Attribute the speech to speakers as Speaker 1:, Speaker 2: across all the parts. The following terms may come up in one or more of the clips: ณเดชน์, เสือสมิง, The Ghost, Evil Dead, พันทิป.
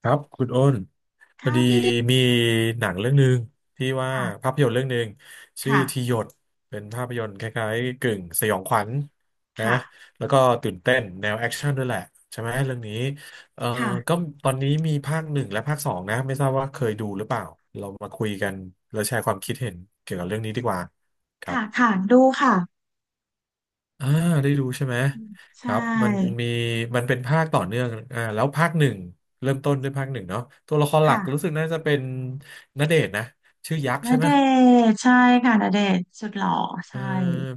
Speaker 1: ครับคุณโอ้นพอ
Speaker 2: ค่ะ
Speaker 1: ดี
Speaker 2: พี่ได้
Speaker 1: มีหนังเรื่องหนึ่งที่ว่า
Speaker 2: ค่ะ
Speaker 1: ภาพยนตร์เรื่องหนึ่งชื่อ
Speaker 2: ค่ะ
Speaker 1: ทีหยดเป็นภาพยนตร์คล้ายๆกึ่งสยองขวัญนะ
Speaker 2: ค่ะ
Speaker 1: แล้วก็ตื่นเต้นแนวแอคชั่นด้วยแหละใช่ไหมเรื่องนี้เอ่อ
Speaker 2: ค่ะ
Speaker 1: ก็ตอนนี้มีภาคหนึ่งและภาคสองนะไม่ทราบว่าเคยดูหรือเปล่าเรามาคุยกันแล้วแชร์ความคิดเห็นเกี่ยวกับเรื่องนี้ดีกว่าครับ
Speaker 2: ค่ะค่ะดูค่ะ
Speaker 1: อ่าได้ดูใช่ไหม
Speaker 2: ใช
Speaker 1: ครับมัน
Speaker 2: ่
Speaker 1: มีมันเป็นภาคต่อเนื่องแล้วภาคหนึ่งเริ่มต้นด้วยภาคหนึ่งเนาะตัวละครหลั
Speaker 2: ค่ะ
Speaker 1: กรู้สึกน่าจะเป็นณเดชน์นะชื่อยักษ์
Speaker 2: ณ
Speaker 1: ใช่ไห
Speaker 2: เด
Speaker 1: ม
Speaker 2: ชน์ใช่ค่ะณเดชน์สุดหล่อ
Speaker 1: เออ
Speaker 2: ใช่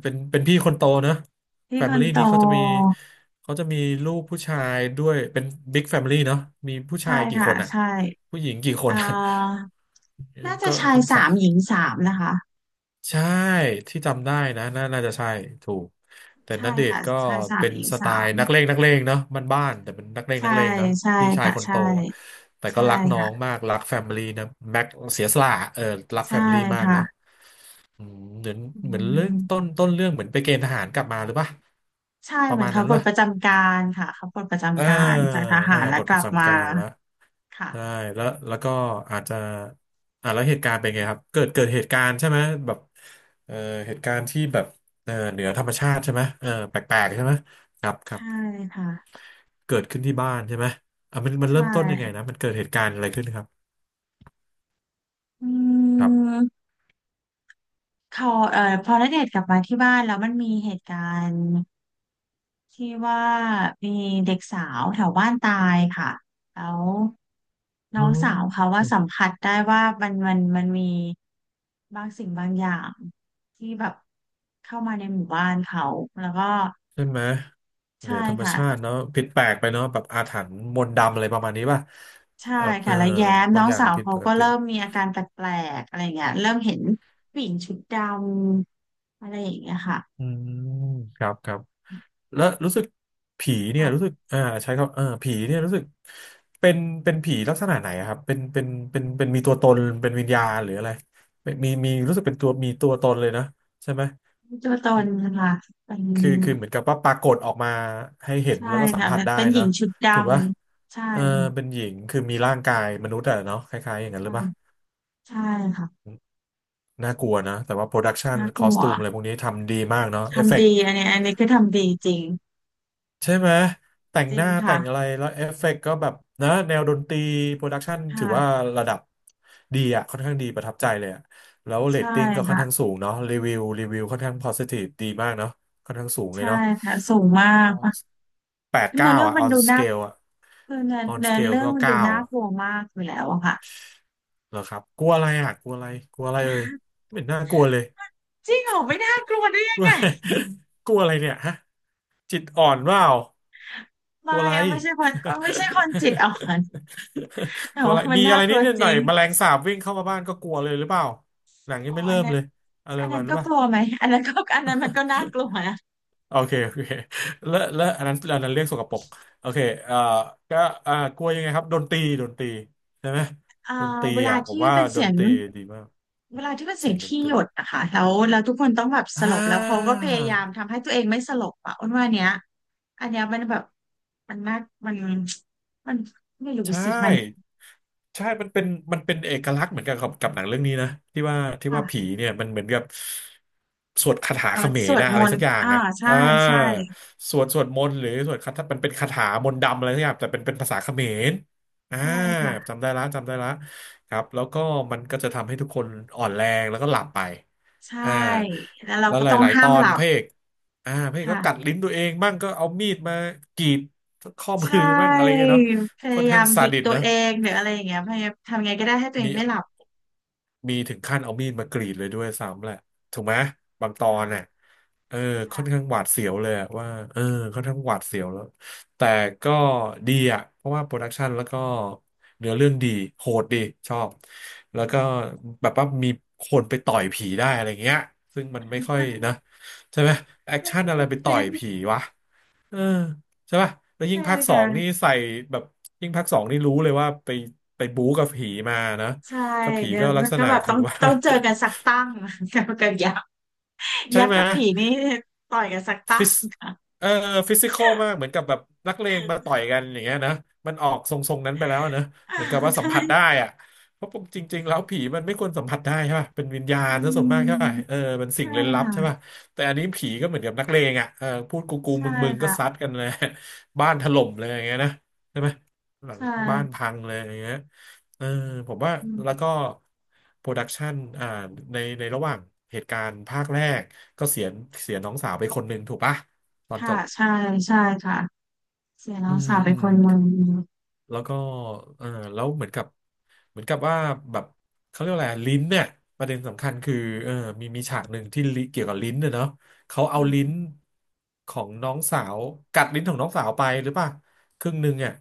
Speaker 1: เป็นพี่คนโตเนอะ
Speaker 2: พี่
Speaker 1: แฟ
Speaker 2: ค
Speaker 1: มิ
Speaker 2: น
Speaker 1: ลี่
Speaker 2: โต
Speaker 1: นี้เขาจะมีลูกผู้ชายด้วยเป็นบิ๊กแฟมิลี่เนาะมีผู้
Speaker 2: ใช่
Speaker 1: ชายกี่ค
Speaker 2: ค่ะ
Speaker 1: นอ่ะ
Speaker 2: ใช่
Speaker 1: ผู้หญิงกี่ค
Speaker 2: อ่
Speaker 1: นอะ
Speaker 2: าน่า จะ
Speaker 1: ก็
Speaker 2: ชาย
Speaker 1: ค่อนสั
Speaker 2: สา
Speaker 1: ก
Speaker 2: มหญิงสามนะคะ
Speaker 1: ใช่ที่จำได้นะน่าจะใช่ถูกแต่ณ
Speaker 2: ใช่
Speaker 1: เดช
Speaker 2: ค่ะ
Speaker 1: น์ก็
Speaker 2: ชายสาม
Speaker 1: เป็น
Speaker 2: หญิง
Speaker 1: สไต
Speaker 2: สาม
Speaker 1: ล์นักเลงเนาะมันบ้านๆแต่เป็นนักเลง
Speaker 2: ใช่
Speaker 1: นักเลงเนาะ
Speaker 2: ใช่
Speaker 1: พี่ชาย
Speaker 2: ค่ะ
Speaker 1: คนโต
Speaker 2: ใช่
Speaker 1: อะแต่
Speaker 2: ใช่
Speaker 1: ก็รักน้อง
Speaker 2: ค่ะ
Speaker 1: มากรักแฟมิลี่นะแม็กเสียสละเออรักแฟ
Speaker 2: ใช่
Speaker 1: มิลี่มาก
Speaker 2: ค่ะ
Speaker 1: เนาะอืมเหมือน
Speaker 2: อื
Speaker 1: เหมือนเรื่อง
Speaker 2: ม
Speaker 1: ต้นเรื่องเหมือนไปเกณฑ์ทหารกลับมาหรือปะ
Speaker 2: ใช่
Speaker 1: ประ
Speaker 2: เหมือ
Speaker 1: มา
Speaker 2: น
Speaker 1: ณ
Speaker 2: เขา
Speaker 1: นั้น
Speaker 2: ปลด
Speaker 1: วะ
Speaker 2: ประจำการค่ะเขาปลดประ
Speaker 1: อ่า
Speaker 2: จำการจากทหารแล้ว
Speaker 1: บท
Speaker 2: ก
Speaker 1: ป
Speaker 2: ลั
Speaker 1: ระ
Speaker 2: บมา
Speaker 1: จำการละ
Speaker 2: ค่ะ
Speaker 1: ได้แล้วแล้วก็อาจจะแล้วเหตุการณ์เป็นไงครับเกิดเหตุการณ์ใช่ไหมแบบเอ่อเหตุการณ์ที่แบบเหนือธรรมชาติใช่ไหมเออแปลกๆใช่ไหมครับครับ
Speaker 2: ใช่ค่ะ
Speaker 1: เกิดขึ้นที่บ้านใช่ไหมอ่ะมัน
Speaker 2: ใช่
Speaker 1: เริ่มต้นยังไงนะมันเกิดเหตุการณ์อะไรขึ้นครับ
Speaker 2: อื
Speaker 1: ครับ
Speaker 2: มเขาพอณเดชน์กลับมาที่บ้านแล้วมันมีเหตุการณ์ที่ว่ามีเด็กสาวแถวบ้านตายค่ะแล้วน้
Speaker 1: อ๋
Speaker 2: องสาวเขา
Speaker 1: อ
Speaker 2: ว่าสัมผัสได้ว่ามันมันมันมีบางสิ่งบางอย่างที่แบบเข้ามาในหมู่บ้านเขาแล้วก็
Speaker 1: ใช่ไหมเห
Speaker 2: ใช่
Speaker 1: นือธรรม
Speaker 2: ค่ะ
Speaker 1: ชาติเนาะผิดแปลกไปเนาะแบบอาถรรพ์มนต์ดำอะไรประมาณนี้ป่ะ
Speaker 2: ใช่
Speaker 1: แบบเอ
Speaker 2: ค่ะ
Speaker 1: อ
Speaker 2: แล้วแย้ม
Speaker 1: บา
Speaker 2: น้อ
Speaker 1: ง
Speaker 2: ง
Speaker 1: อย่าง
Speaker 2: สาว
Speaker 1: ผิด
Speaker 2: เขา
Speaker 1: ปก
Speaker 2: ก็
Speaker 1: ติ
Speaker 2: เริ่มมีอาการแปลกๆอะไรเงี้ยเริ่มเห็นผู้หญิงชุดดำอะไรอย่างเงี้ยค่ะ
Speaker 1: อืมครับครับ และรู้สึกผีเนี่ยรู้สึก
Speaker 2: ค่ะ
Speaker 1: ใช้คำเออผีเนี่ยรู้สึกเป็นเป็นผีลักษณะไหนอะครับเป็นมีตัวตนเป็นวิญญาณหรืออะไรเป็นมีรู้สึกเป็นตัวมีตัวตนเลยนะใช่ไหม
Speaker 2: ไม่มีตัวตนนะคะเป็น
Speaker 1: คือเหมือนกับว่าปรากฏออกมาให้เห็น
Speaker 2: ใช่
Speaker 1: แล้วก็สัม
Speaker 2: ค่ะ
Speaker 1: ผัส
Speaker 2: เป็น
Speaker 1: ได้
Speaker 2: เป็นหญิ
Speaker 1: นะ
Speaker 2: งชุดด
Speaker 1: ถูกปะ
Speaker 2: ำใช่
Speaker 1: เออเป็
Speaker 2: ค่ะ
Speaker 1: นหญิงคือมีร่างกายมนุษย์อะเนาะคล้ายๆอย่างนั้นห
Speaker 2: อื
Speaker 1: รือ
Speaker 2: ม
Speaker 1: ปะ
Speaker 2: ใช่ค่ะ
Speaker 1: น่ากลัวนะแต่ว่าโปรดักชัน
Speaker 2: น่า
Speaker 1: ค
Speaker 2: ก
Speaker 1: อ
Speaker 2: ลั
Speaker 1: ส
Speaker 2: ว
Speaker 1: ตูมอะไรพวกนี้ทำดีมากเนาะเอฟเฟ
Speaker 2: ทำ
Speaker 1: กต์
Speaker 2: ดีอันนี้อันนี้คือทำดีจริง
Speaker 1: ใช่ไหมแต่ง
Speaker 2: จริ
Speaker 1: ห
Speaker 2: ง
Speaker 1: น้าแต่งอะไร
Speaker 2: ค่ะ
Speaker 1: แล้วเอฟเฟกต์ก็แบบนะแนวดนตรีโปรดักชัน
Speaker 2: ค
Speaker 1: ถือว่า
Speaker 2: ่ะ
Speaker 1: ระดับดีอะค่อนข้างดีประทับใจเลยอะแล้วเรต
Speaker 2: ใช่
Speaker 1: ติ้งก็ค่อน
Speaker 2: ค่ะ
Speaker 1: ข้างสูงเนาะรีวิวค่อนข้าง positive ดีมากเนาะค่อนข้างสูงเลย
Speaker 2: ใช่
Speaker 1: เนาะ
Speaker 2: ค่ะสูงมาก
Speaker 1: on
Speaker 2: ค่ะ
Speaker 1: แปด
Speaker 2: เนื้อ
Speaker 1: เก้า
Speaker 2: เรื่อง
Speaker 1: อ่ะ
Speaker 2: มัน
Speaker 1: on
Speaker 2: ดูน่า
Speaker 1: scale อ่ะ
Speaker 2: คือเนื้อ
Speaker 1: on
Speaker 2: เนื้อ
Speaker 1: scale
Speaker 2: เรื่อง
Speaker 1: ก็
Speaker 2: มันดู
Speaker 1: เก้า
Speaker 2: น่า
Speaker 1: อ่ะ
Speaker 2: กลัวมากอยู่แล้วอะค่ะ
Speaker 1: เหรอครับกลัวอะไรอ่ะกลัวอะไรกลัวอะไรเลยไม่เห็นน่ากลัวเลย
Speaker 2: จริงเหรอไม่น่ากลัวได้ยังไง
Speaker 1: กลัวอะไรเนี่ยฮะจิตอ่อนเปล่า กลั
Speaker 2: ไม่
Speaker 1: วอะไร
Speaker 2: อะไม่ใช่คนก็ไม่ใช่คนจิตอ่อนแต่
Speaker 1: กลัวอะ
Speaker 2: ว่า
Speaker 1: ไร
Speaker 2: มัน
Speaker 1: มี
Speaker 2: น่า
Speaker 1: อะไร
Speaker 2: ก
Speaker 1: นิ
Speaker 2: ลั
Speaker 1: ด
Speaker 2: วจ
Speaker 1: หน่
Speaker 2: ริ
Speaker 1: อย
Speaker 2: ง
Speaker 1: แมลงสาบวิ่งเข้ามาบ้านก็กลัวเลยหรือเปล่า หนังยั
Speaker 2: อ๋
Speaker 1: ง
Speaker 2: อ
Speaker 1: ไม่
Speaker 2: อั
Speaker 1: เริ่
Speaker 2: น
Speaker 1: ม
Speaker 2: นั้น
Speaker 1: เลยอะไร
Speaker 2: อั
Speaker 1: ป
Speaker 2: น
Speaker 1: ระ
Speaker 2: นั้
Speaker 1: มา
Speaker 2: น
Speaker 1: ณนั้
Speaker 2: ก็
Speaker 1: น
Speaker 2: ก
Speaker 1: ป่ะ
Speaker 2: ลัวไหมอันนั้นก็อันนั้นมันก็น่ากลัวนะ
Speaker 1: โอเคโอเคแล้วอันนั้นอันนั้นเรียกสกปรกโอเคเอ่อก็กลัวยังไงครับดนตรีใช่ไหม
Speaker 2: อ่า
Speaker 1: ดนตรี
Speaker 2: เวลา
Speaker 1: อ่ะผม
Speaker 2: ที่
Speaker 1: ว่า
Speaker 2: เป็น
Speaker 1: ด
Speaker 2: เสีย
Speaker 1: น
Speaker 2: ง
Speaker 1: ตรีดีมาก
Speaker 2: เวลาที่เป็นเสี
Speaker 1: เสี
Speaker 2: ย
Speaker 1: ย
Speaker 2: ง
Speaker 1: งดน
Speaker 2: ที่
Speaker 1: ต
Speaker 2: ห
Speaker 1: รี
Speaker 2: ยดนะคะแล้วแล้วทุกคนต้องแบบส
Speaker 1: อ่
Speaker 2: ลบแล้วเขาก็พยายาม
Speaker 1: า
Speaker 2: ทำให้ตัวเองไม่สลบอ่ะอ้วนว่าเนี้ยอันเนี้ยมันแบบมันน่ามันมันไม่รู้
Speaker 1: ใช่
Speaker 2: สิมัน
Speaker 1: ใช่มันเป็นมันเป็นเอกลักษณ์เหมือนกันกับหนังเรื่องนี้นะที่ว่าผี
Speaker 2: ค่ะ
Speaker 1: เนี่ยมันเหมือนกับสวดคาถา
Speaker 2: เรา
Speaker 1: เขม
Speaker 2: ส
Speaker 1: ร
Speaker 2: วด
Speaker 1: นะ
Speaker 2: ม
Speaker 1: อะไร
Speaker 2: น
Speaker 1: สั
Speaker 2: ต์
Speaker 1: กอย่าง
Speaker 2: อ่า
Speaker 1: อ่ะ
Speaker 2: ใช่
Speaker 1: อ่า
Speaker 2: ใช่
Speaker 1: สวดมนต์หรือสวดคาถามันเป็นคาถามนต์ดำอะไรสักอย่างแต่เป็นภาษาเขมรอ่า
Speaker 2: ใช่ค่ะ
Speaker 1: จำได้ละจำได้ละครับแล้วก็มันก็จะทำให้ทุกคนอ่อนแรงแล้วก็หลับไป
Speaker 2: ใช่
Speaker 1: อ่า
Speaker 2: แล้วเรา
Speaker 1: แล้ว
Speaker 2: ก็
Speaker 1: ห
Speaker 2: ต้อง
Speaker 1: ลายๆ
Speaker 2: ห้า
Speaker 1: ตอ
Speaker 2: มห
Speaker 1: น
Speaker 2: ลั
Speaker 1: พ
Speaker 2: บ
Speaker 1: ระเอกพระเอกก็กัด
Speaker 2: ค่ะ
Speaker 1: ลิ้นตัวเองบ้างก็เอามีดมากรีดข้อ
Speaker 2: ใช
Speaker 1: มือบ้างอะไร
Speaker 2: ่
Speaker 1: เงี้ยเนาะ
Speaker 2: พ
Speaker 1: ค่อ
Speaker 2: ยา
Speaker 1: น
Speaker 2: ยา
Speaker 1: ข้าง
Speaker 2: มห
Speaker 1: ซา
Speaker 2: ยิก
Speaker 1: ดิส
Speaker 2: ตัว
Speaker 1: นะ
Speaker 2: เองหรืออะไรอย่างเงี้ยพยายามทำไงก็ได้ให้ตัวเอ
Speaker 1: มี
Speaker 2: งไม่หลับ
Speaker 1: มีถึงขั้นเอามีดมากรีดเลยด้วยซ้ำแหละถูกไหมบางตอนน่ะ
Speaker 2: ค่ะ
Speaker 1: เออค่อนข้า
Speaker 2: ค่ะ
Speaker 1: งหวาดเสียวเลยอะว่าเออค่อนข้างหวาดเสียวแล้วแต่ก็ดีอ่ะเพราะว่าโปรดักชันแล้วก็เนื้อเรื่องดีโหดดีชอบแล้วก็แบบว่ามีคนไปต่อยผีได้อะไรเงี้ยซึ่งมันไม่ค่อยนะใช่ไหมแอค
Speaker 2: มัน
Speaker 1: ชั่นอะ
Speaker 2: เป็
Speaker 1: ไร
Speaker 2: น
Speaker 1: ไป
Speaker 2: เซ
Speaker 1: ต่อย
Speaker 2: น
Speaker 1: ผีวะ เออใช่ป่ะแล้วยิ่
Speaker 2: ใช่
Speaker 1: งภาคสองนี่
Speaker 2: ค่ะ
Speaker 1: ใส่แบบยิ่งภาคสองนี่รู้เลยว่าไปบู๊กับผีมานะ
Speaker 2: ใช่
Speaker 1: ก็ผี
Speaker 2: แล้
Speaker 1: ก็ลัก
Speaker 2: ว
Speaker 1: ษ
Speaker 2: ก็
Speaker 1: ณะ
Speaker 2: แบบ
Speaker 1: คื
Speaker 2: ต้อ
Speaker 1: อ
Speaker 2: ง
Speaker 1: ว่า
Speaker 2: ต้องเจอกันสักตั้งกับกับยักษ์
Speaker 1: ใช่
Speaker 2: ยักษ์
Speaker 1: ไหม
Speaker 2: กับผีนี่ต่อยกันสักตั้
Speaker 1: ฟิ
Speaker 2: ง
Speaker 1: ส
Speaker 2: ค่ะ
Speaker 1: เอ่อฟิสิคอลมาก เหมือนกับแบบนักเลงมาต่อยกันอย่างเงี้ยนะมันออกทรงๆนั้นไปแล้วนะเหมือนกับว่าสั
Speaker 2: ใช่
Speaker 1: มผัสได้อะเพราะจริงๆแล้วผีมันไม่ควรสัมผัสได้ใช่ป่ะเป็นวิญญา
Speaker 2: อื
Speaker 1: ณซะส่วน
Speaker 2: ม
Speaker 1: มากใช่ป่ะเออเป็นสิ่
Speaker 2: ใช่
Speaker 1: งเร้นลับ
Speaker 2: ค่ะ
Speaker 1: ใช่ป่ะแต่อันนี้ผีก็เหมือนกับนักเลงอ่ะเออพูดกูกู
Speaker 2: ใช่
Speaker 1: มึงมึงก็ซัด
Speaker 2: ค่ะ
Speaker 1: กันเลย บ้านถล่มเลยอย่างเงี้ยนะใช่ไหมหลัง
Speaker 2: ใช่
Speaker 1: บ้านพังเลยอย่างเงี้ยเออผมว่า
Speaker 2: อื
Speaker 1: แล้วก็
Speaker 2: ม
Speaker 1: โปรดักชันอ่าในระหว่างเหตุการณ์ภาคแรก ก็เสียเสียน้องสาวไปคนหนึ่งถูกปะตอนจ
Speaker 2: ค่ะ
Speaker 1: บ
Speaker 2: ใช่ใช่ค่ะเสียแล้
Speaker 1: อื
Speaker 2: ว
Speaker 1: ม
Speaker 2: สาวเป็
Speaker 1: อื
Speaker 2: น
Speaker 1: ม
Speaker 2: คนมึน
Speaker 1: แล้วก็เออแล้วเหมือนกับเหมือนกับว่าแบบเขาเรียกว่าอะไรลิ้นเนี่ยประเด็นสำคัญคือเออมีฉากหนึ่งที่ลิเกี่ยวกับลิ้นเนี่ยเนาะเขา
Speaker 2: อื
Speaker 1: เอาลิ้น
Speaker 2: ม
Speaker 1: ของน้องสาวกัดลิ้นของน้องสาวไปหรือป่ะครึ่งหนึ่งอ่ะ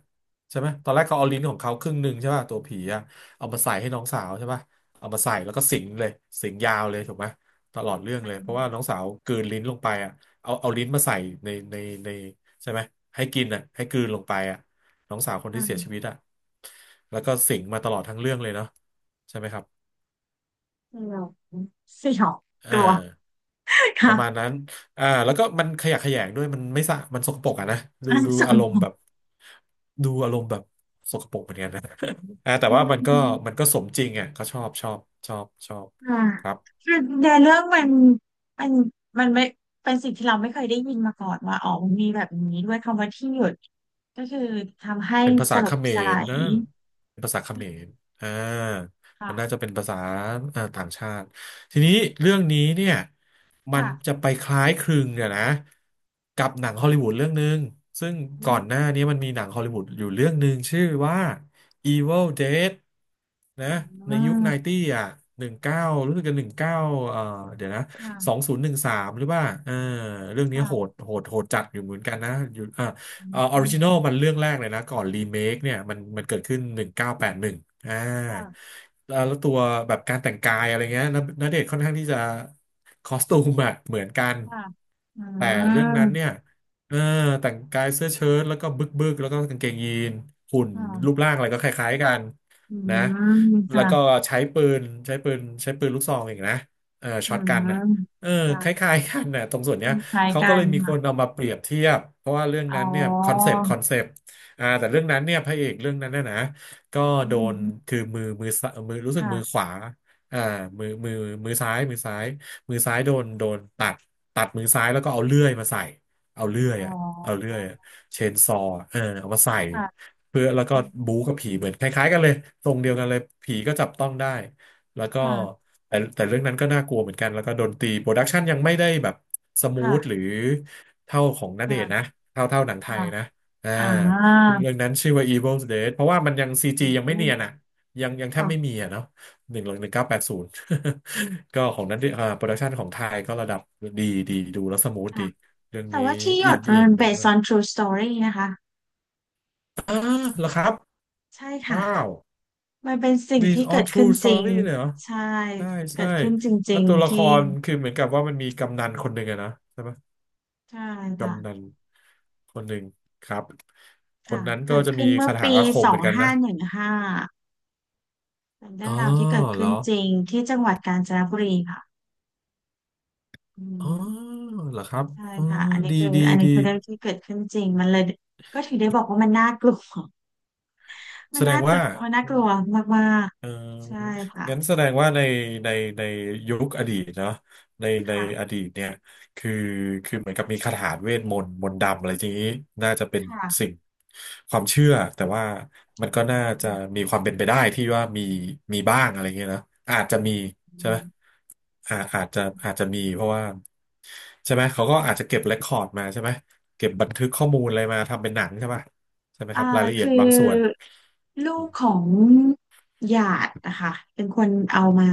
Speaker 1: ใช่ไหมตอนแรกเขาเอาลิ้นของเขาครึ่งหนึ่งใช่ป่ะตัวผีอ่ะเอามาใส่ให้น้องสาวใช่ป่ะเอามาใส่แล้วก็สิงเลยสิงยาวเลยถูกไหมตลอดเรื่อง
Speaker 2: อื
Speaker 1: เลยเพ
Speaker 2: ม
Speaker 1: ราะว่าน้องสาวกลืนลิ้นลงไปอ่ะเอาเอาลิ้นมาใส่ในในในใช่ไหมให้กินอ่ะให้กลืนลงไปอ่ะ น้องสาวคน
Speaker 2: อื
Speaker 1: ที่เสียชีวิต
Speaker 2: ม
Speaker 1: อะแล้วก็สิงมาตลอดทั้งเรื่องเลยเนาะใช่ไหมครับ
Speaker 2: สยองสยองก
Speaker 1: อ่า
Speaker 2: ลัว
Speaker 1: ประมาณ
Speaker 2: ค่ะ
Speaker 1: นั้นอ่าแล้วก็มันขยะแขยงด้วยมันไม่สะ มันสกปรกอะนะดู
Speaker 2: อันนั้น
Speaker 1: ดู
Speaker 2: ส
Speaker 1: อา
Speaker 2: กุล
Speaker 1: ร
Speaker 2: ท
Speaker 1: ม
Speaker 2: อ
Speaker 1: ณ์
Speaker 2: ง
Speaker 1: แบบดูอารมณ์แบบสกปรกเหมือนกันนะ อ่าแต่
Speaker 2: อื
Speaker 1: ว่ามันก็มัน
Speaker 2: ม
Speaker 1: ก็สมจริงอ่ะเขชอบชอบชอบชอบ
Speaker 2: ค่ะ
Speaker 1: ครับ
Speaker 2: คือในเรื่องมันมันมันไม่เป็นสิ่งที่เราไม่เคยได้ยินมาก่อนว่าอ๋อมันมีแบบนี้ด้วยคำว่าที่หยุดก็คือทำให้
Speaker 1: เป็นภา
Speaker 2: ส
Speaker 1: ษา
Speaker 2: ล
Speaker 1: เข
Speaker 2: บ
Speaker 1: ม
Speaker 2: สลา
Speaker 1: ร
Speaker 2: ย
Speaker 1: นะเป็นภาษาเขมรอ่ามันน่าจะ
Speaker 2: ค่ะ
Speaker 1: เป็นภาษาอ่าต่างชาติทีนี้เรื่องนี้เนี่ยมันจะ
Speaker 2: ค่ะ
Speaker 1: ไปคล้ายคลึงเนี่ยนะกับหนังฮอลลีวูดเรื่องหนึ่งซึ่ง
Speaker 2: อื
Speaker 1: ก่อ
Speaker 2: ม
Speaker 1: นหน้านี้มันมีหนังฮอลลีวูดอยู่เรื่องหนึ่งชื่อว่า Evil Dead
Speaker 2: อื
Speaker 1: นะในยุค
Speaker 2: ม
Speaker 1: 90อ่ะหนึ่งเก้ารู้สึกจะ19เก้าเอ่อเดี๋ยวนะ
Speaker 2: ค่ะ
Speaker 1: 2013หนึ่งสามหรือว่าเออเรื่องนี้โหด
Speaker 2: ค่ะ
Speaker 1: โหดโหดจัดอยู่เหมือนกันนะอยู่ เอ่อออ
Speaker 2: อื
Speaker 1: ริ
Speaker 2: ม
Speaker 1: จินอลมันเรื่องแรกเลยนะก่อนรีเมคเนี่ยมันเกิดขึ้น1981อ่า
Speaker 2: ค่ะ
Speaker 1: แล้วตัวแบบการแต่งกายอะไรเงี้ยณณเดชน์ค่อนข้างที่จะคอสตูมอะเหมือนกัน
Speaker 2: ค่ะอื
Speaker 1: แต่เรื่องนั้นเนี่ย
Speaker 2: ม
Speaker 1: เออแต่งกายเสื้อเชิ้ตแล้วก็บึกบึกแล้วก็กางเกงยีนหุ่นรูป
Speaker 2: ค่ะ
Speaker 1: ร่างอะไรก็คล้ายๆกัน
Speaker 2: อื
Speaker 1: นะ
Speaker 2: ม
Speaker 1: แล้
Speaker 2: ค่ะ
Speaker 1: วก็ใช้ปืนลูกซองอีกนะเออ
Speaker 2: อื
Speaker 1: ช็อตกันอ่ะ
Speaker 2: ม
Speaker 1: เออค
Speaker 2: ค่ะ
Speaker 1: ล้ายๆกันน่ะตรงส่วนเนี้ย
Speaker 2: คล้าย
Speaker 1: เขา
Speaker 2: ๆ
Speaker 1: ก็
Speaker 2: กั
Speaker 1: เล
Speaker 2: น
Speaker 1: ยมีค
Speaker 2: ค่ะ
Speaker 1: นเอามาเปรียบเทียบเพราะว่าเรื่อง
Speaker 2: อ๋
Speaker 1: นั้นเนี่ยคอน
Speaker 2: อ
Speaker 1: เซปต์คอนเซปต์อ่าแต่เรื่องนั้นเนี่ยพระเอกเรื่องนั้นน่ะนะก็
Speaker 2: อื
Speaker 1: โดน
Speaker 2: ม
Speaker 1: คือมือมือซ้ายมือรู้สึก
Speaker 2: ค่ะ
Speaker 1: มือขวาอ่ามือมือมือซ้ายมือซ้ายมือซ้ายโดนตัดตัดมือซ้ายแล้วก็เอาเลื่อยมาใส่เอาเลื่อย
Speaker 2: อ๋อ
Speaker 1: อะเอาเลื่อยอเชนซอว์เออเอามาใส่
Speaker 2: ค่ะ
Speaker 1: เพื่อแล้วก็บู๊กับผีเหมือนคล้ายๆกันเลยตรงเดียวกันเลยผีก็จับต้องได้แล้วก็
Speaker 2: ค่ะ
Speaker 1: แต่เรื่องนั้นก็น่ากลัวเหมือนกันแล้วก็ดนตรีโปรดักชันยังไม่ได้แบบสมูทห
Speaker 2: ค่ะ
Speaker 1: รือเท่าของณเดชน์นะ
Speaker 2: ค่ะ
Speaker 1: เท่าเท่าหนังไท
Speaker 2: ค่ะ
Speaker 1: ยนะอ่า
Speaker 2: อ่า
Speaker 1: เรื่องนั้นชื่อว่า Evil Dead เพราะว่ามันยังซี
Speaker 2: อื
Speaker 1: จียังไม่เนียน
Speaker 2: ม
Speaker 1: อ่ะยังแทบ
Speaker 2: ค่ะ
Speaker 1: ไม่มีอ่ะเนาะ1980 ก็ของนั้นอ่าโปรดักชันของไทยก็ระดับดีดีดูแล้วสมูทดี
Speaker 2: ค่ะ
Speaker 1: เรื่อง
Speaker 2: แต่
Speaker 1: นี้
Speaker 2: ว่าที่หย
Speaker 1: อิ
Speaker 2: ด
Speaker 1: นอิ
Speaker 2: มั
Speaker 1: น
Speaker 2: น
Speaker 1: ด้วย
Speaker 2: based
Speaker 1: ว่า
Speaker 2: on true story นะคะ
Speaker 1: อ้าเหรอครับ
Speaker 2: ใช่ค่ะ
Speaker 1: ว้าว
Speaker 2: มันเป็นสิ่งที่
Speaker 1: based
Speaker 2: เกิ
Speaker 1: on
Speaker 2: ดขึ้น
Speaker 1: true
Speaker 2: จริง
Speaker 1: story เลยเหรอ
Speaker 2: ใช่
Speaker 1: ใช่
Speaker 2: เกิ
Speaker 1: ใช่
Speaker 2: ดขึ้นจ
Speaker 1: แล้
Speaker 2: ริ
Speaker 1: ว
Speaker 2: ง
Speaker 1: ตัว
Speaker 2: ๆ
Speaker 1: ละค
Speaker 2: ที่
Speaker 1: รคือเหมือนกับว่ามันมีกำนันคนหนึ่งอะนะใช่ไหม
Speaker 2: ใช่ค่ะ
Speaker 1: กำนันคนหนึ่งครับคน
Speaker 2: ค่ะ
Speaker 1: นั้นก็
Speaker 2: เกิด
Speaker 1: จะ
Speaker 2: ขึ้
Speaker 1: มี
Speaker 2: นเมื่อ
Speaker 1: คาถา
Speaker 2: ปี
Speaker 1: อาค
Speaker 2: ส
Speaker 1: มเห
Speaker 2: อ
Speaker 1: มื
Speaker 2: ง
Speaker 1: อนกัน
Speaker 2: ห้า
Speaker 1: นะ
Speaker 2: หนึ่งห้าเป็นเรื่
Speaker 1: อ๋
Speaker 2: อ
Speaker 1: อ
Speaker 2: งราวที่เกิด
Speaker 1: เหร
Speaker 2: ขึ้
Speaker 1: อ
Speaker 2: นจริงที่จังหวัดกาญจนบุรีค่ะอื
Speaker 1: อ๋อ
Speaker 2: ม
Speaker 1: เหรอครับ
Speaker 2: ใช่
Speaker 1: อ๋อ
Speaker 2: ค่ะ อันนี้
Speaker 1: ดี
Speaker 2: คือ
Speaker 1: ดี
Speaker 2: อันนี้
Speaker 1: ดี
Speaker 2: คือเรื่องที่เกิดขึ้นจริง มันเลยก็ถึงได้บอกว่ามันน่ากลัว มั
Speaker 1: แส
Speaker 2: น
Speaker 1: ด
Speaker 2: น่า
Speaker 1: ง
Speaker 2: ตร
Speaker 1: ว่า
Speaker 2: มันน่ากลัวมาก
Speaker 1: เอ
Speaker 2: ๆใช่
Speaker 1: อ
Speaker 2: ค่ะ
Speaker 1: งั้นแสดงว่าในในในยุคอดีตเนาะในใน
Speaker 2: ค่ะ
Speaker 1: อดีตเนี่ยคือคือเหมือนกับมีคาถาเวทมนต์มนต์ดำอะไรทีนี้น่าจะเป็นสิ่
Speaker 2: ค่ะ
Speaker 1: งความเชื่อ แต่ว่ามันก็น่าจะมีความเป็นไปได้ที่ว่ามีมีบ้างอะไรเงี้ยนะอาจจะมี
Speaker 2: อื
Speaker 1: ใช่ไหม
Speaker 2: ม
Speaker 1: อาจอาจจะมีเพราะว่าใช่ไหมเขาก็อาจจะเก็บเรคคอร์ดมาใช่ไหมเก็บบันทึกข้อมูลอะไรมาทำเป็นหนังใช่ปะใช่ไหม
Speaker 2: อ่า
Speaker 1: ครับรายละเอีย
Speaker 2: คื
Speaker 1: ด
Speaker 2: อ
Speaker 1: บางส่วน
Speaker 2: ลูกของหยาดนะคะเป็นคนเอามา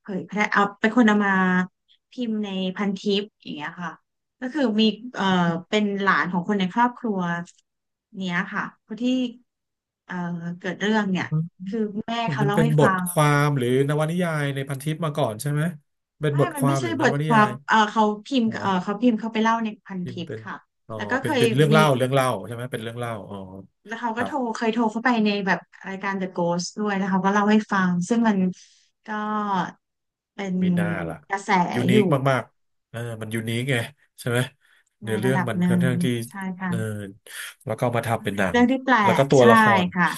Speaker 2: เผยแพร่เอาเป็นคนเอามาพิมพ์ในพันทิปอย่างเงี้ยค่ะก็คือมีเอ่อเป็นหลานของคนในครอบครัวเนี้ยค่ะคนที่เอ่อเกิดเรื่องเนี่ยคือแม่เขา
Speaker 1: มัน
Speaker 2: เล่า
Speaker 1: เป็น
Speaker 2: ให้
Speaker 1: บ
Speaker 2: ฟั
Speaker 1: ท
Speaker 2: ง
Speaker 1: ความหรือนวนิยายในพันทิปมาก่อนใช่ไหมเป็น
Speaker 2: ไม่
Speaker 1: บท
Speaker 2: มั
Speaker 1: ค
Speaker 2: น
Speaker 1: วา
Speaker 2: ไม่
Speaker 1: มห
Speaker 2: ใช่
Speaker 1: รือน
Speaker 2: บท
Speaker 1: วนิ
Speaker 2: ค
Speaker 1: ยา
Speaker 2: วาม
Speaker 1: ย
Speaker 2: เออเขาพิม
Speaker 1: เห
Speaker 2: พ์
Speaker 1: รอ
Speaker 2: เออเขาพิมพ์เขาไปเล่าในพัน
Speaker 1: พิม
Speaker 2: ทิ
Speaker 1: พ์
Speaker 2: ป
Speaker 1: เป็น
Speaker 2: ค่ะ
Speaker 1: อ๋อ
Speaker 2: แล้วก็เค
Speaker 1: เป็น
Speaker 2: ย
Speaker 1: เป็นเรื่อง
Speaker 2: มี
Speaker 1: เล่าเรื่องเล่าใช่ไหมเป็นเรื่องเล่าอ๋อ
Speaker 2: แล้วเขา
Speaker 1: ค
Speaker 2: ก็
Speaker 1: รั
Speaker 2: โท
Speaker 1: บ
Speaker 2: รเคยโทรเข้าไปในแบบรายการ The Ghost ด้วยแล้วเขาก็เล่าให้ฟังซึ่งมันก็เป็น
Speaker 1: มีหน้าล่ะ
Speaker 2: กระแส
Speaker 1: ยู
Speaker 2: อ
Speaker 1: นิค
Speaker 2: ยู่
Speaker 1: มากๆเออมันยูนิคไงใช่ไหม
Speaker 2: ใน
Speaker 1: เนื้อเรื่
Speaker 2: ระ
Speaker 1: อง
Speaker 2: ดับ
Speaker 1: มัน
Speaker 2: ห
Speaker 1: ค่
Speaker 2: นึ่
Speaker 1: อน
Speaker 2: ง
Speaker 1: ข้างที่
Speaker 2: ใช่
Speaker 1: เออ
Speaker 2: ค่ะ
Speaker 1: แล้วก็เอามา
Speaker 2: มั
Speaker 1: ทำ
Speaker 2: น
Speaker 1: เป็น
Speaker 2: เป็
Speaker 1: ห
Speaker 2: น
Speaker 1: นัง
Speaker 2: เรื่องที่แปล
Speaker 1: แล้วก็
Speaker 2: ก
Speaker 1: ตัวละ
Speaker 2: ใช่
Speaker 1: คร
Speaker 2: ค่ะ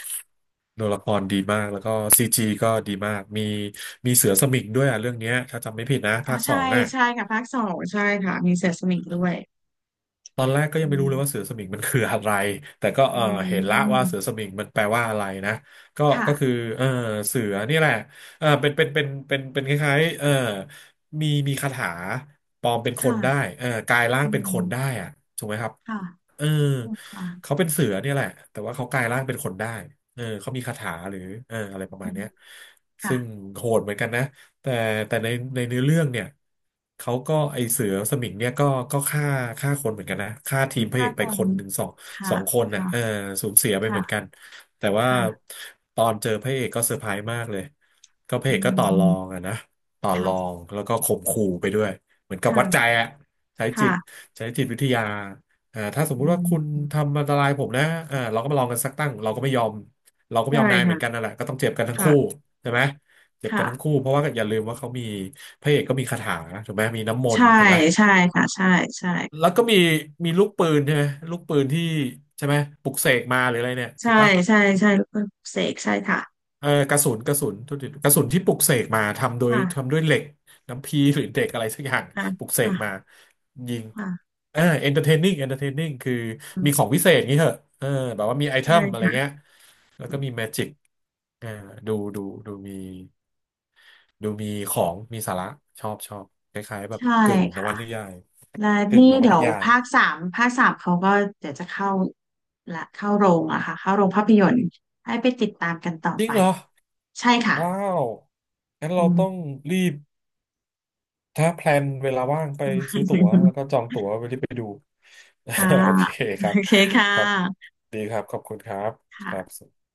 Speaker 1: ตัวละครดีมากแล้วก็ซีจีก็ดีมากมีเสือสมิงด้วยอ่ะเรื่องเนี้ยถ้าจำไม่ผิดนะ
Speaker 2: อ๋อ
Speaker 1: ภาคส
Speaker 2: ใช่
Speaker 1: องอ่ะ
Speaker 2: ใช่ค่ะภาคสองใช่ค่ะมีเสือสมิงด้วย
Speaker 1: ตอนแรกก็ยั
Speaker 2: อื
Speaker 1: งไม่รู้
Speaker 2: ม
Speaker 1: เลยว่าเสือสมิงมันคืออะไร แต่ก็
Speaker 2: อื
Speaker 1: เออเห็นละว่าเสือ
Speaker 2: ม
Speaker 1: สมิงมันแปลว่าอะไรนะ ก็
Speaker 2: ค่ะ
Speaker 1: ก็คือเออเสือนี่แหละเออเป็นคล้ายๆเออมีคาถาปลอมเป็นคนได้
Speaker 2: ค่ะ
Speaker 1: เออกลายร่าง
Speaker 2: อื
Speaker 1: เป็นคนได้
Speaker 2: ม
Speaker 1: อะถูกไหมครับ
Speaker 2: ค่ะ
Speaker 1: เออ
Speaker 2: ค่ะ
Speaker 1: เขาเป็นเสือเนี่ยแหละแต่ว่าเขากลายร่างเป็นคนได้เออเขามีคาถาหรือเอออะไรประ
Speaker 2: อื
Speaker 1: มาณ
Speaker 2: ม
Speaker 1: เนี้ย
Speaker 2: ค่ะ
Speaker 1: ซึ่งโหดเหมือนกันนะแต่แต่ในเนื้อเรื่องเนี่ยเขาก็ไอเสือสมิงเนี่ยก็ฆ่าฆ่าคนเหมือนกันนะฆ่าทีมพระเอ
Speaker 2: ค่ะ
Speaker 1: กไป
Speaker 2: ก่อ
Speaker 1: ค
Speaker 2: น
Speaker 1: นหนึ่งสองส
Speaker 2: ค่ะ
Speaker 1: องคนน่ะ
Speaker 2: ค่ะ
Speaker 1: เออสูญเสียไปเหมือนกัน
Speaker 2: ค่ะ
Speaker 1: แต่ว่า
Speaker 2: ค่ะ
Speaker 1: ตอนเจอพระเอกก็เซอร์ไพรส์มากเลยก็พระ
Speaker 2: อื
Speaker 1: เอกก็ต่อรอง
Speaker 2: ม
Speaker 1: อะนะต่อรอง
Speaker 2: ค่ะ
Speaker 1: แล้วก็ข่มขู่ไปด้วยเหมือนกับวัดใจ
Speaker 2: ค่ะ
Speaker 1: อะใช้จิต
Speaker 2: ค่ะ
Speaker 1: ใช้จิตวิทยา อ่าถ้าสมมุ
Speaker 2: อื
Speaker 1: ติว่าคุณ
Speaker 2: ม
Speaker 1: ทำอันตรายผมนะอ่าเราก็มาลองกันสักตั้งเราก็ไม่ยอมเราก็ไม่
Speaker 2: ใช่
Speaker 1: ยอมนายเหมื
Speaker 2: ค่ะ
Speaker 1: อนกันนั่นแหละก็ต้องเจ็บกันทั้ง
Speaker 2: ค่ะ
Speaker 1: คู่ใช่ไหมเจ็บกั
Speaker 2: ค่ะ
Speaker 1: นทั้งคู่เพราะว่าอย่าลืมว่าเขามีพระเอกก็มีคาถาถูกไหมมีน้ำมน
Speaker 2: ใช่
Speaker 1: ต์ถูกไหม
Speaker 2: ใช่ค่ะใช่ใช่
Speaker 1: แล้วก็มีลูกปืนใช่ไหมลูกปืนที่ใช่ไหมปลุกเสกมาหรืออะไรเนี่ยถู
Speaker 2: ใช่
Speaker 1: กปะ
Speaker 2: ใช่ใช่แล้วก็เสกใช่ค่ะ
Speaker 1: เออกระสุนกระสุนโทกทีกระสุนที่ปลุกเสกมาทำโดย
Speaker 2: ค่ะ
Speaker 1: ทำด้วยเหล็กน้ำพีหรือเด็กอะไรสักอย่าง
Speaker 2: ค่ะ
Speaker 1: ปลุกเสกมา
Speaker 2: ค่ะ
Speaker 1: ยิง
Speaker 2: ค่ะ
Speaker 1: เออ e อนเตอร์เทนนิงเอนเตอร์เทนนิงคือ
Speaker 2: อืม
Speaker 1: มีของวิเศษงี้เหอะเออแบบว่ามีไอเท
Speaker 2: ใช่
Speaker 1: มอะไร
Speaker 2: ค่ะ
Speaker 1: เงี้ยแล้วก็มีแมจิกเออดูดูดูมีดูมีของมีสาระชอบชอบคล้ายๆแบบ
Speaker 2: ใช่
Speaker 1: กึ่งนว
Speaker 2: ค่ะ
Speaker 1: นิยาย
Speaker 2: และ
Speaker 1: กึ่ง
Speaker 2: นี่
Speaker 1: นว
Speaker 2: เดี๋ย
Speaker 1: นิ
Speaker 2: ว
Speaker 1: ยาย
Speaker 2: ภาคสามภาคสามเขาก็เดี๋ยวจะเข้าละเข้าโรงอะค่ะเข้าโรงภาพยนตร์ให้ไปติดตามกันต่อ
Speaker 1: จริ
Speaker 2: ไป
Speaker 1: งเหรอ
Speaker 2: ใช่ค่ะ
Speaker 1: ว้าวงั้น
Speaker 2: อื
Speaker 1: เราต้อง
Speaker 2: ม
Speaker 1: รีบ ถ้าแพลนเวลาว่างไปซื้อตั๋วแล้วก็จองตั๋วไปที่ไปดู
Speaker 2: ค่ะ
Speaker 1: โอเค
Speaker 2: โอ
Speaker 1: ครับ
Speaker 2: เคค่ะ
Speaker 1: ครับดีครับขอบคุณครับครั
Speaker 2: ค่ะ
Speaker 1: บ